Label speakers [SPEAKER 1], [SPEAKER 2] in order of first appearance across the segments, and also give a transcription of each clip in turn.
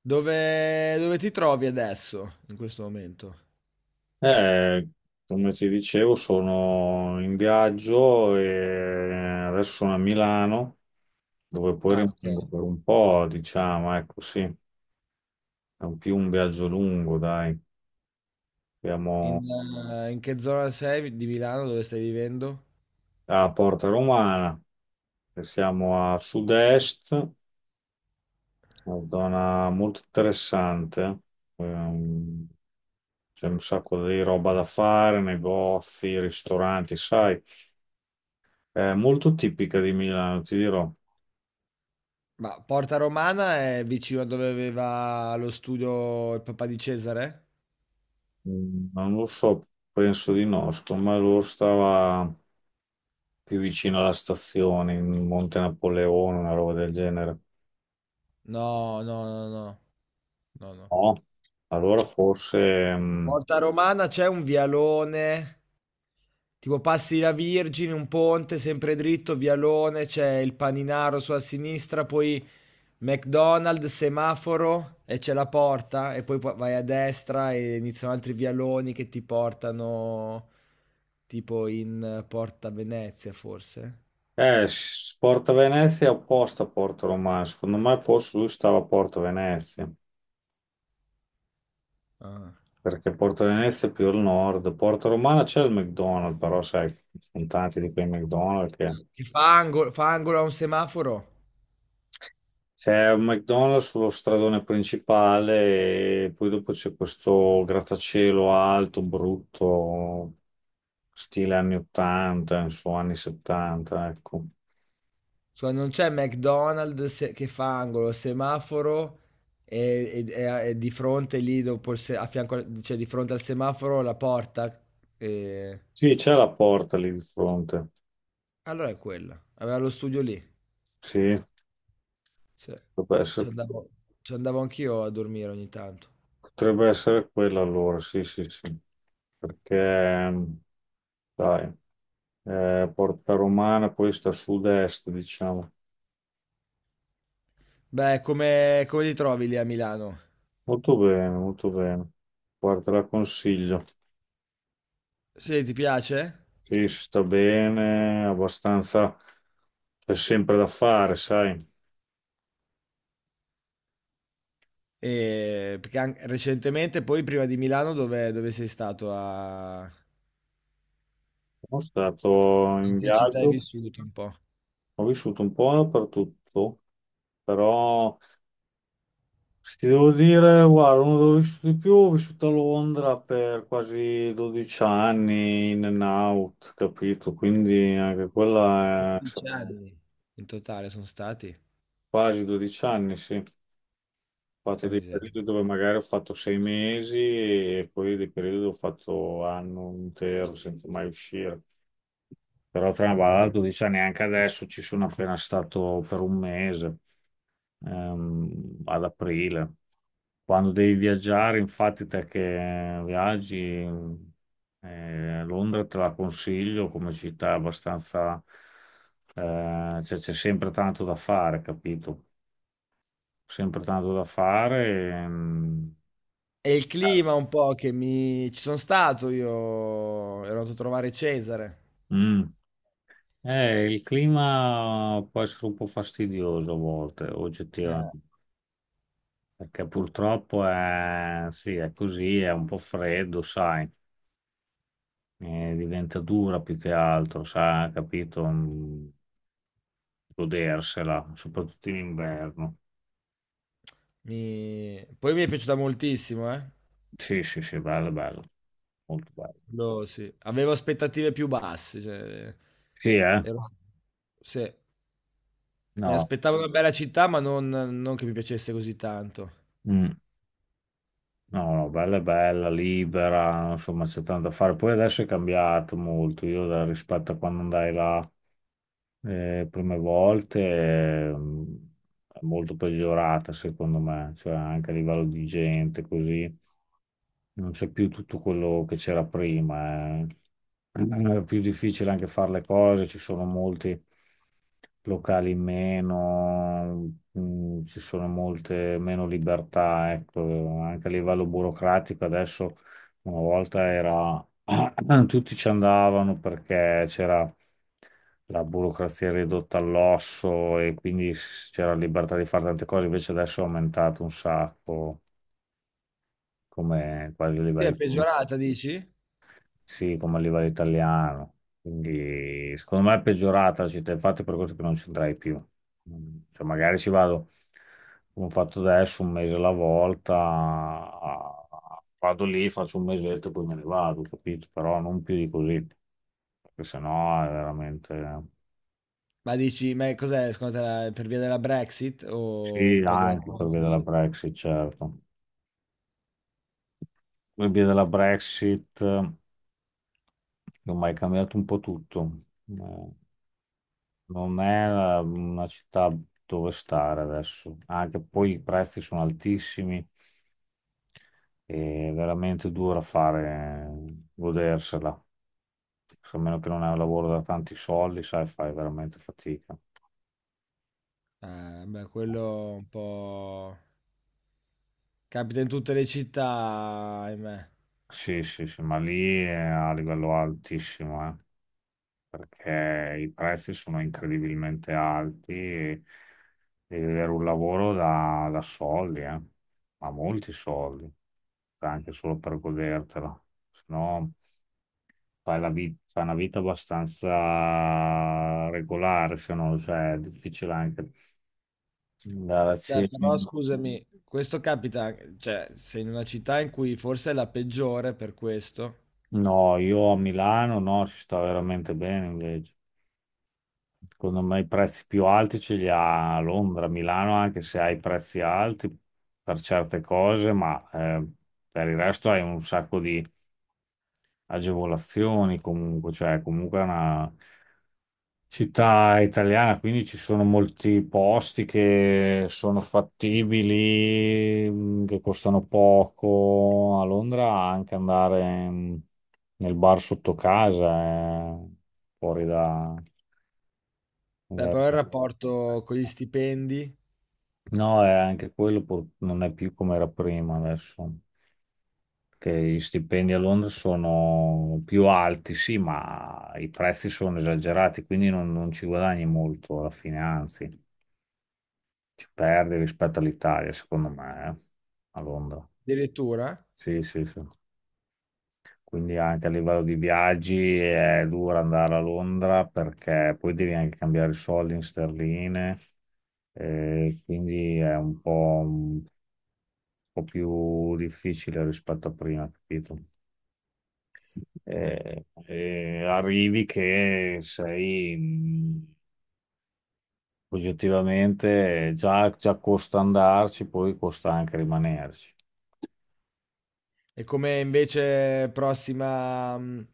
[SPEAKER 1] Dove, dove ti trovi adesso, in questo momento?
[SPEAKER 2] Eh, come ti dicevo, sono in viaggio e adesso sono a Milano, dove poi
[SPEAKER 1] Ah,
[SPEAKER 2] rimango
[SPEAKER 1] ok.
[SPEAKER 2] per un po', diciamo, ecco, sì, è un più un viaggio lungo, dai.
[SPEAKER 1] In,
[SPEAKER 2] Siamo
[SPEAKER 1] in che zona sei di Milano, dove stai vivendo?
[SPEAKER 2] a Porta Romana, e siamo a sud-est, una zona molto interessante. Ehm, C'è un sacco di roba da fare, negozi, ristoranti, sai, è molto tipica di Milano, ti dirò.
[SPEAKER 1] Ma Porta Romana è vicino a dove aveva lo studio il papà di Cesare?
[SPEAKER 2] Mm, non lo so, penso di no. Secondo me loro stava più vicino alla stazione, in Monte Napoleone, una roba del genere.
[SPEAKER 1] No, no, no, no, no, no.
[SPEAKER 2] No, allora forse...
[SPEAKER 1] Porta Romana c'è un vialone, tipo passi la Virgine, un ponte sempre dritto, vialone, c'è il Paninaro sulla sinistra, poi McDonald's, semaforo e c'è la porta e poi vai a destra e iniziano altri vialoni che ti portano tipo in Porta Venezia forse.
[SPEAKER 2] Porta Venezia è opposta a Porto Romano. Secondo me forse lui stava a Porto Venezia,
[SPEAKER 1] Ah.
[SPEAKER 2] perché Porto Venezia è più al nord. Porto Romano c'è il McDonald's, però sai, ci sono tanti di quei McDonald's che
[SPEAKER 1] Che fa angolo a un semaforo.
[SPEAKER 2] C'è un McDonald's sullo stradone principale e poi dopo c'è questo grattacielo alto, brutto, stile anni 80, insomma anni 70, ecco.
[SPEAKER 1] Cioè, non c'è McDonald's che fa angolo, semaforo e, e di fronte lì dopo il a fianco, cioè di fronte al semaforo la porta. e-
[SPEAKER 2] Sì, c'è la porta lì di fronte.
[SPEAKER 1] Allora è quella. Aveva lo studio lì.
[SPEAKER 2] Sì,
[SPEAKER 1] Sì,
[SPEAKER 2] potrebbe
[SPEAKER 1] ci
[SPEAKER 2] essere,
[SPEAKER 1] andavo ci andavo anch'io a dormire ogni tanto.
[SPEAKER 2] potrebbe essere quella allora, sì, sì, sì. Perché, dai, Porta Romana poi sta a sud-est, diciamo.
[SPEAKER 1] Beh, come come ti trovi lì a Milano?
[SPEAKER 2] Molto bene, molto bene. Guarda, te la consiglio.
[SPEAKER 1] Sì, ti piace?
[SPEAKER 2] Sì, si sta bene, abbastanza, c'è sempre da fare, sai.
[SPEAKER 1] Perché an recentemente poi prima di Milano dove dove sei stato a
[SPEAKER 2] Sono stato
[SPEAKER 1] in
[SPEAKER 2] in
[SPEAKER 1] che città hai
[SPEAKER 2] viaggio,
[SPEAKER 1] vissuto un po'?
[SPEAKER 2] ho vissuto un po' dappertutto, però se ti devo dire, guarda, uno dove ho vissuto di più, ho vissuto a Londra per quasi 12 anni, in and out, capito? Quindi anche quella è
[SPEAKER 1] 12 anni in totale son stati?
[SPEAKER 2] quasi 12 anni, sì. Ho fatto
[SPEAKER 1] Porca
[SPEAKER 2] dei
[SPEAKER 1] miseria.
[SPEAKER 2] periodi dove magari ho fatto 6 mesi e poi dei periodi dove ho fatto anno intero senza mai uscire. Però tra una ballata, 12 anni, neanche adesso ci sono appena stato per un mese, ad aprile. Quando devi viaggiare, infatti, te che viaggi, Londra te la consiglio come città abbastanza, cioè c'è sempre tanto da fare, capito? Sempre tanto da fare. ehm,
[SPEAKER 1] È il clima un po' che mi ci son stato io, ero andato a trovare Cesare.
[SPEAKER 2] Mm. Il clima può essere un po' fastidioso a volte,
[SPEAKER 1] Eh.
[SPEAKER 2] oggettivamente, perché purtroppo è, sì, è così, è un po' freddo, sai, diventa dura più che altro, sai, capito? Godersela, soprattutto in inverno.
[SPEAKER 1] Mi Poi mi è piaciuta moltissimo, eh.
[SPEAKER 2] Sì, sì, sì, bello, bello, molto bello.
[SPEAKER 1] No, sì. Avevo aspettative più basse, cioè
[SPEAKER 2] Sì, eh?
[SPEAKER 1] ero sì, mi
[SPEAKER 2] No,
[SPEAKER 1] aspettavo una bella città, ma non non che mi piacesse così tanto.
[SPEAKER 2] mm, no, no, bella, bella, libera, insomma, c'è tanto da fare. Poi adesso è cambiato molto, io rispetto a quando andai là. Le prime volte è molto peggiorata secondo me, cioè anche a livello di gente così, non c'è più tutto quello che c'era prima. Eh. Eh, È più difficile anche fare le cose, ci sono molti locali in meno, ci sono molte meno libertà, ecco, anche a livello burocratico adesso una volta era tutti ci andavano perché c'era la burocrazia ridotta all'osso e quindi c'era libertà di fare tante cose, invece adesso è aumentato un sacco come quasi a
[SPEAKER 1] Sì, è
[SPEAKER 2] livelli
[SPEAKER 1] peggiorata dici?
[SPEAKER 2] sì, come a livello italiano. Quindi secondo me è peggiorata la città, infatti per questo che non ci andrai più. Cioè, magari ci vado, come ho fatto adesso, un mese alla volta, vado lì, faccio un mesetto e poi me ne vado, capito? Però non più di così, perché sennò è veramente...
[SPEAKER 1] Ma dici, cos'è secondo te, la per via della Brexit o
[SPEAKER 2] Sì,
[SPEAKER 1] un po' della
[SPEAKER 2] anche per via della
[SPEAKER 1] crisi?
[SPEAKER 2] Brexit, certo. Per via della Brexit, ormai è cambiato un po' tutto. Eh, Non è una città dove stare adesso, anche poi i prezzi sono altissimi e è veramente dura fare, godersela, se a meno che non hai un lavoro da tanti soldi, sai, fai veramente fatica.
[SPEAKER 1] Beh, quello un po' capita in tutte le città, ahimè.
[SPEAKER 2] Sì, sì, sì, ma lì è a livello altissimo, perché i prezzi sono incredibilmente alti e devi avere un lavoro da soldi, ma molti soldi, anche solo per godertela, se no... fai fai una vita abbastanza regolare, se no, cioè, è difficile anche andare a
[SPEAKER 1] Beh, però
[SPEAKER 2] cena.
[SPEAKER 1] scusami, questo capita, cioè sei in una città in cui forse è la peggiore per questo.
[SPEAKER 2] No, io a Milano no, ci sta veramente bene invece. Secondo me i prezzi più alti ce li ha a Londra. A Milano, anche se hai prezzi alti per certe cose, ma per il resto hai un sacco di agevolazioni comunque, cioè comunque è una città italiana, quindi ci sono molti posti che sono fattibili, che costano poco. A Londra anche andare nel bar sotto casa è fuori da...
[SPEAKER 1] Beh,
[SPEAKER 2] da-
[SPEAKER 1] però il
[SPEAKER 2] da-
[SPEAKER 1] rapporto con gli stipendi.
[SPEAKER 2] No, è anche quello non è più come era prima adesso, che gli stipendi a Londra sono più alti, sì, ma i prezzi sono esagerati, quindi non ci guadagni molto alla fine, anzi. Ci perdi rispetto all'Italia, secondo me, a Londra.
[SPEAKER 1] Addirittura?
[SPEAKER 2] Sì, sì, sì. Quindi anche a livello di viaggi è dura andare a Londra perché poi devi anche cambiare i soldi in sterline, quindi è un po', un più difficile rispetto a prima, capito? Arrivi che sei oggettivamente già, già costa andarci, poi costa anche rimanerci.
[SPEAKER 1] E come invece prossima,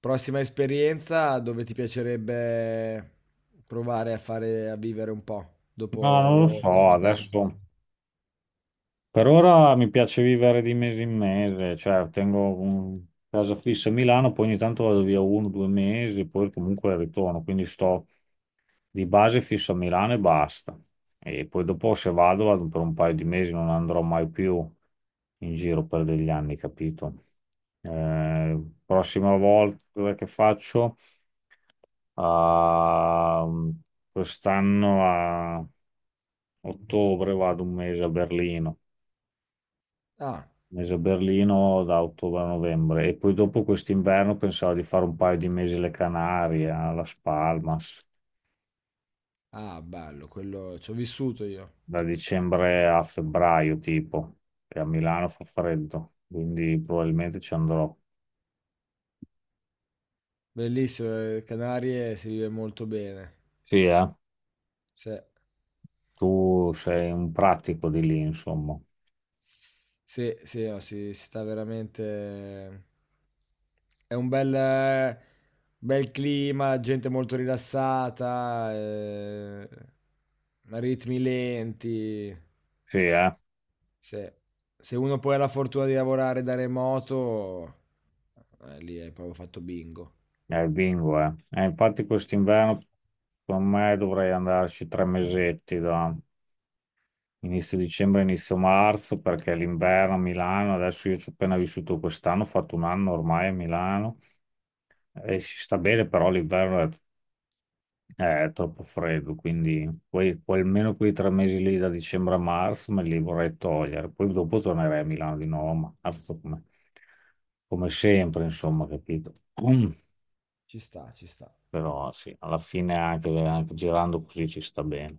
[SPEAKER 1] prossima esperienza dove ti piacerebbe provare a fare, a vivere un po'
[SPEAKER 2] No,
[SPEAKER 1] dopo
[SPEAKER 2] non lo
[SPEAKER 1] Londra,
[SPEAKER 2] so,
[SPEAKER 1] Milano?
[SPEAKER 2] adesso per ora mi piace vivere di mese in mese, cioè tengo casa fissa a Milano, poi ogni tanto vado via uno, due mesi, poi comunque ritorno, quindi sto di base fisso a Milano e basta. E poi dopo se vado, vado per un paio di mesi, non andrò mai più in giro per degli anni, capito? Eh, prossima volta che faccio, a- quest'anno a ottobre vado un mese a Berlino.
[SPEAKER 1] Ah,
[SPEAKER 2] Mese a Berlino da ottobre a novembre e poi dopo quest'inverno pensavo di fare un paio di mesi alle Canarie, a Las Palmas,
[SPEAKER 1] ah, bello, quello ci ho vissuto io.
[SPEAKER 2] da dicembre a febbraio tipo, che a Milano fa freddo, quindi probabilmente ci andrò.
[SPEAKER 1] Bellissimo, Canarie si vive molto bene.
[SPEAKER 2] Sì, eh?
[SPEAKER 1] Sì,
[SPEAKER 2] Tu sei un pratico di lì, insomma.
[SPEAKER 1] sì, sì, no, si sta veramente. È un bel, bel clima, gente molto rilassata, ritmi lenti.
[SPEAKER 2] Sì, eh?
[SPEAKER 1] Se, se uno poi ha la fortuna di lavorare da remoto, lì hai proprio fatto bingo.
[SPEAKER 2] È bingo, eh? Infatti quest'inverno secondo me dovrei andarci 3 mesetti da... Inizio dicembre, inizio marzo, perché l'inverno a Milano, adesso io ci ho appena vissuto quest'anno, ho fatto un anno ormai a Milano e si sta bene, però l'inverno è troppo freddo, quindi poi almeno quei 3 mesi lì da dicembre a marzo me li vorrei togliere, poi dopo tornerei a Milano di nuovo a marzo come sempre, insomma, capito?
[SPEAKER 1] Ci sta, ci sta.
[SPEAKER 2] Però sì, alla fine anche girando così ci sta bene.